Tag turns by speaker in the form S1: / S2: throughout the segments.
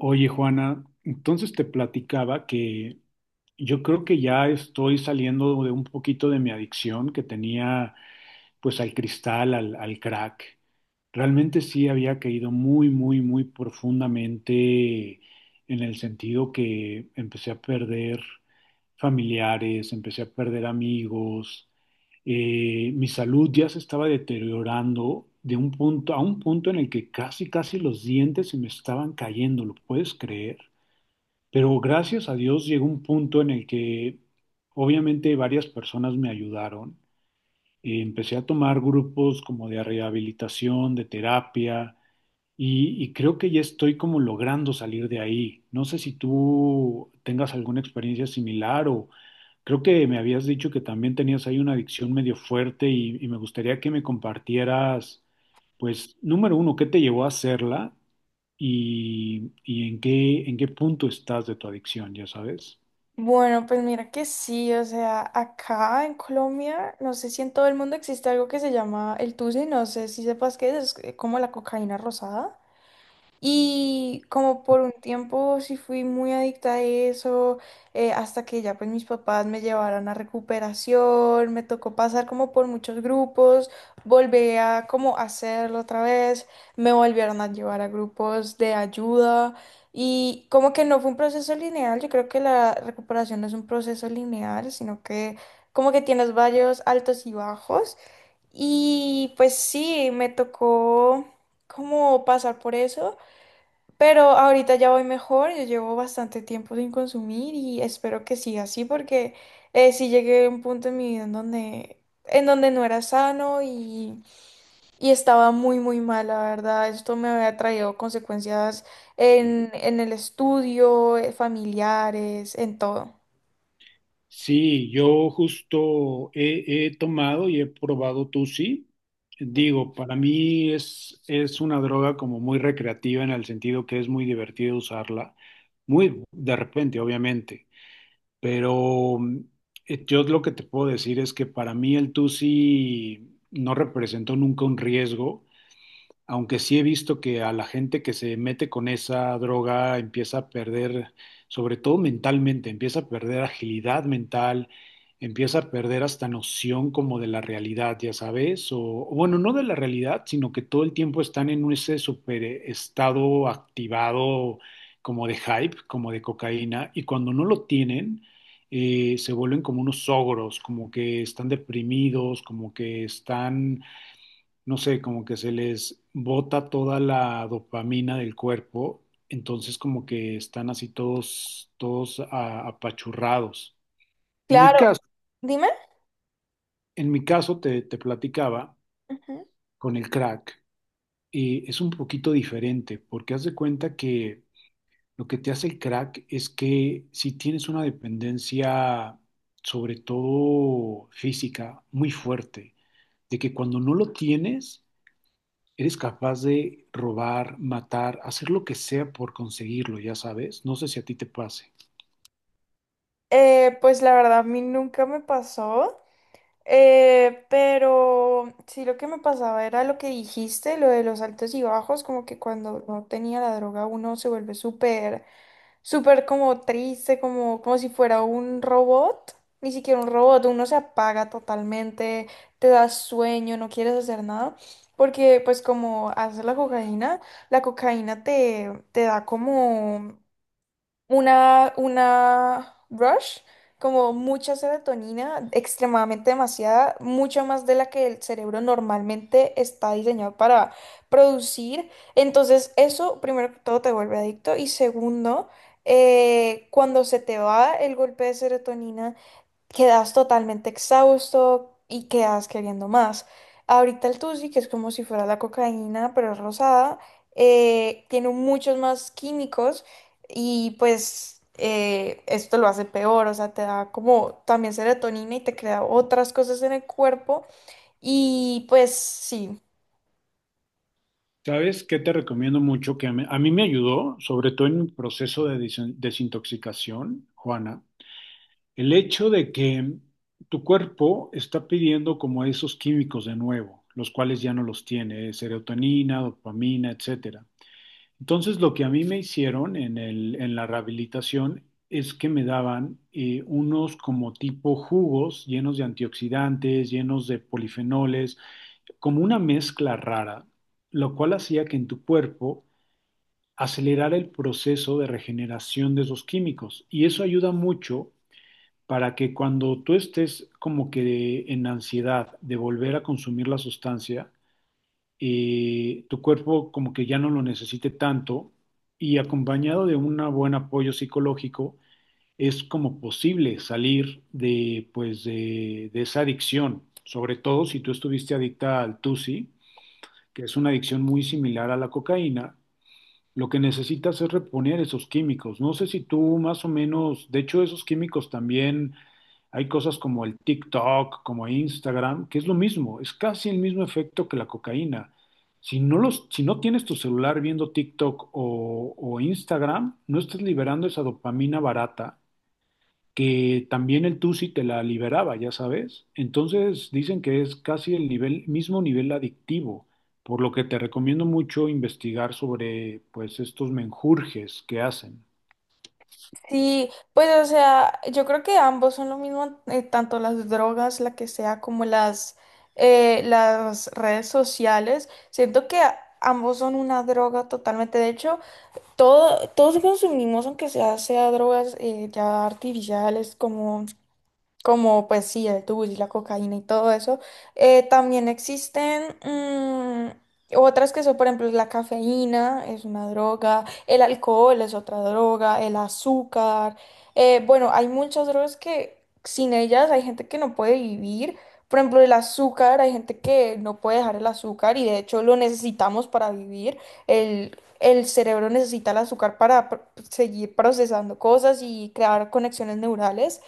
S1: Oye, Juana, entonces te platicaba que yo creo que ya estoy saliendo de un poquito de mi adicción que tenía pues al cristal, al crack. Realmente sí había caído muy, muy, muy profundamente en el sentido que empecé a perder familiares, empecé a perder amigos, mi salud ya se estaba deteriorando de un punto a un punto en el que casi, casi los dientes se me estaban cayendo, ¿lo puedes creer? Pero gracias a Dios llegó un punto en el que obviamente varias personas me ayudaron. Empecé a tomar grupos como de rehabilitación, de terapia, y creo que ya estoy como logrando salir de ahí. No sé si tú tengas alguna experiencia similar o creo que me habías dicho que también tenías ahí una adicción medio fuerte y me gustaría que me compartieras, pues, número uno, ¿qué te llevó a hacerla y en qué punto estás de tu adicción, ya sabes?
S2: Bueno, pues mira que sí, o sea, acá en Colombia, no sé si en todo el mundo existe algo que se llama el tusi, no sé si sepas qué es como la cocaína rosada. Y como por un tiempo sí fui muy adicta a eso, hasta que ya pues mis papás me llevaron a recuperación, me tocó pasar como por muchos grupos, volví a como hacerlo otra vez, me volvieron a llevar a grupos de ayuda y como que no fue un proceso lineal, yo creo que la recuperación no es un proceso lineal, sino que como que tienes varios altos y bajos y pues sí, me tocó como pasar por eso. Pero ahorita ya voy mejor, yo llevo bastante tiempo sin consumir y espero que siga así porque sí llegué a un punto en mi vida en donde no era sano y estaba muy mal, la verdad. Esto me había traído consecuencias en el estudio, familiares, en todo.
S1: Sí, yo justo he tomado y he probado Tusi. Digo, para mí es una droga como muy recreativa en el sentido que es muy divertido usarla, muy de repente, obviamente, pero yo lo que te puedo decir es que para mí el Tusi no representó nunca un riesgo, aunque sí he visto que a la gente que se mete con esa droga empieza a perder, sobre todo mentalmente, empieza a perder agilidad mental, empieza a perder hasta noción como de la realidad, ya sabes, o bueno, no de la realidad, sino que todo el tiempo están en ese super estado activado, como de hype, como de cocaína, y cuando no lo tienen, se vuelven como unos ogros, como que están deprimidos, como que están, no sé, como que se les bota toda la dopamina del cuerpo, entonces como que están así todos apachurrados. En mi
S2: Claro,
S1: caso,
S2: dime.
S1: en mi caso te, te platicaba
S2: Ujú.
S1: con el crack. Eh, es un poquito diferente, porque haz de cuenta que lo que te hace el crack es que si tienes una dependencia, sobre todo física, muy fuerte, de que cuando no lo tienes, eres capaz de robar, matar, hacer lo que sea por conseguirlo, ya sabes. No sé si a ti te pase.
S2: Pues la verdad, a mí nunca me pasó. Pero sí, lo que me pasaba era lo que dijiste, lo de los altos y bajos, como que cuando no tenía la droga uno se vuelve súper como triste, como, como si fuera un robot, ni siquiera un robot, uno se apaga totalmente, te da sueño, no quieres hacer nada, porque pues como haces la cocaína te da como una rush, como mucha serotonina, extremadamente demasiada, mucho más de la que el cerebro normalmente está diseñado para producir. Entonces, eso, primero que todo, te vuelve adicto. Y segundo, cuando se te va el golpe de serotonina, quedas totalmente exhausto y quedas queriendo más. Ahorita el Tusi, que es como si fuera la cocaína, pero es rosada, tiene muchos más químicos y pues esto lo hace peor, o sea, te da como también serotonina y te crea otras cosas en el cuerpo y pues sí.
S1: ¿Sabes qué te recomiendo mucho? Que a mí me ayudó, sobre todo en mi proceso de desintoxicación, Juana, el hecho de que tu cuerpo está pidiendo como esos químicos de nuevo, los cuales ya no los tiene, serotonina, dopamina, etcétera. Entonces, lo que a mí me hicieron en en la rehabilitación es que me daban unos como tipo jugos llenos de antioxidantes, llenos de polifenoles, como una mezcla rara, lo cual hacía que en tu cuerpo acelerara el proceso de regeneración de esos químicos. Y eso ayuda mucho para que cuando tú estés como que en ansiedad de volver a consumir la sustancia, tu cuerpo como que ya no lo necesite tanto, y acompañado de un buen apoyo psicológico es como posible salir de, pues, de esa adicción. Sobre todo si tú estuviste adicta al TUSI, que es una adicción muy similar a la cocaína, lo que necesitas es reponer esos químicos. No sé si tú más o menos, de hecho esos químicos también, hay cosas como el TikTok, como Instagram, que es lo mismo, es casi el mismo efecto que la cocaína. Si no tienes tu celular viendo TikTok o Instagram, no estás liberando esa dopamina barata que también el TUSI te la liberaba, ya sabes. Entonces dicen que es casi el mismo nivel adictivo, por lo que te recomiendo mucho investigar sobre pues estos menjurjes que hacen.
S2: Sí, pues o sea, yo creo que ambos son lo mismo, tanto las drogas, la que sea, como las redes sociales. Siento que ambos son una droga totalmente. De hecho, todos consumimos, aunque sea drogas ya artificiales, como pues sí, el tubo y la cocaína y todo eso. También existen otras que son, por ejemplo, la cafeína es una droga, el alcohol es otra droga, el azúcar. Bueno, hay muchas drogas que sin ellas hay gente que no puede vivir. Por ejemplo, el azúcar, hay gente que no puede dejar el azúcar y de hecho lo necesitamos para vivir. El cerebro necesita el azúcar para seguir procesando cosas y crear conexiones neurales.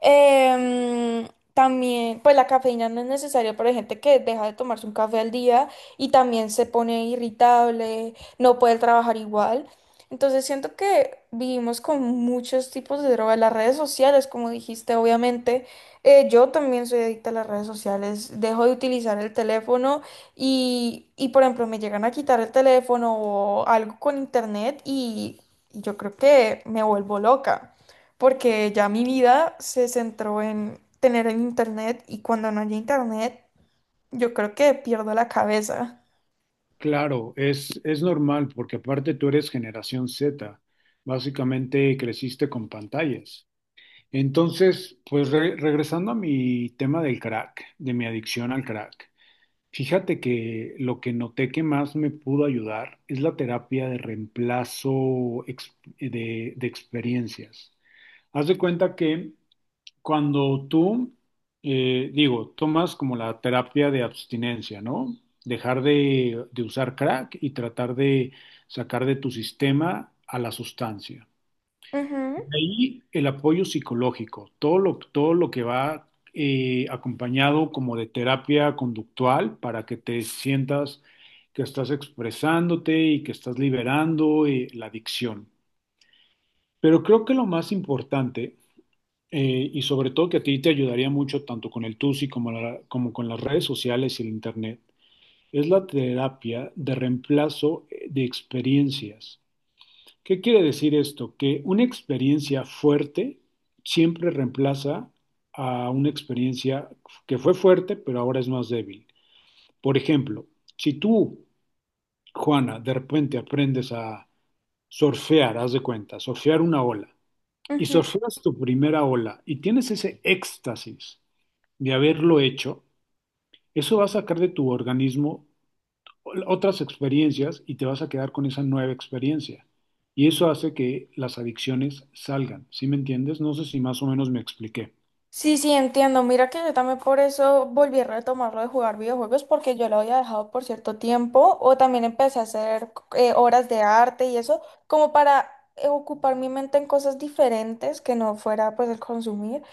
S2: Em, También, pues la cafeína no es necesaria para gente que deja de tomarse un café al día y también se pone irritable, no puede trabajar igual. Entonces siento que vivimos con muchos tipos de drogas, las redes sociales, como dijiste, obviamente. Yo también soy adicta a las redes sociales, dejo de utilizar el teléfono y por ejemplo, me llegan a quitar el teléfono o algo con internet y yo creo que me vuelvo loca porque ya mi vida se centró en tener el internet y cuando no hay internet, yo creo que pierdo la cabeza.
S1: Claro, es normal porque aparte tú eres generación Z, básicamente creciste con pantallas. Entonces, pues regresando a mi tema del crack, de mi adicción al crack. Fíjate que lo que noté que más me pudo ayudar es la terapia de reemplazo de experiencias. Haz de cuenta que cuando tú, digo, tomas como la terapia de abstinencia, ¿no? Dejar de usar crack y tratar de sacar de tu sistema a la sustancia.
S2: Ujú,
S1: Ahí el apoyo psicológico, todo lo que va acompañado como de terapia conductual para que te sientas que estás expresándote y que estás liberando, la adicción. Pero creo que lo más importante, y sobre todo que a ti te ayudaría mucho tanto con el TUSI como con las redes sociales y el Internet, es la terapia de reemplazo, de experiencias. ¿Qué quiere decir esto? Que una experiencia fuerte siempre reemplaza a una experiencia que fue fuerte, pero ahora es más débil. Por ejemplo, si tú, Juana, de repente aprendes a surfear, haz de cuenta, surfear una ola, y
S2: ujú.
S1: surfeas tu primera ola y tienes ese éxtasis de haberlo hecho, eso va a sacar de tu organismo otras experiencias y te vas a quedar con esa nueva experiencia. Y eso hace que las adicciones salgan. ¿Sí me entiendes? No sé si más o menos me expliqué.
S2: Sí, sí, entiendo. Mira que yo también por eso volví a retomar lo de jugar videojuegos porque yo lo había dejado por cierto tiempo o también empecé a hacer obras de arte y eso como para ocupar mi mente en cosas diferentes que no fuera pues el consumir.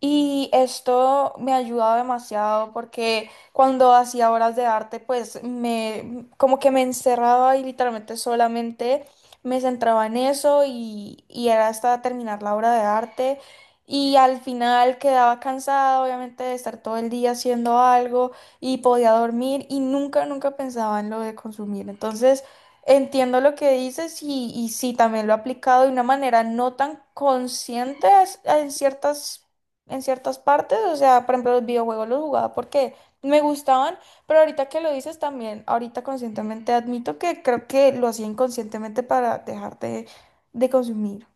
S2: Y esto me ha ayudado demasiado porque cuando hacía obras de arte pues me como que me encerraba y literalmente solamente me centraba en eso y era hasta terminar la obra de arte. Y al final quedaba cansada, obviamente, de estar todo el día haciendo algo y podía dormir y nunca, nunca pensaba en lo de consumir. Entonces, entiendo lo que dices y sí, también lo he aplicado de una manera no tan consciente en ciertas partes. O sea, por ejemplo, los videojuegos los jugaba porque me gustaban, pero ahorita que lo dices también, ahorita conscientemente admito que creo que lo hacía inconscientemente para dejar de consumir.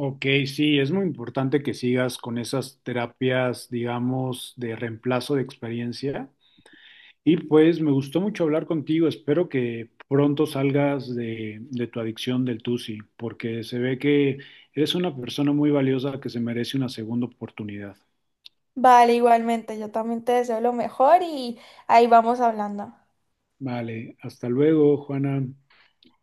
S1: Ok, sí, es muy importante que sigas con esas terapias, digamos, de reemplazo de experiencia. Y pues me gustó mucho hablar contigo. Espero que pronto salgas de tu adicción del TUSI, porque se ve que eres una persona muy valiosa que se merece una segunda oportunidad.
S2: Vale, igualmente, yo también te deseo lo mejor y ahí vamos hablando.
S1: Vale, hasta luego, Juana.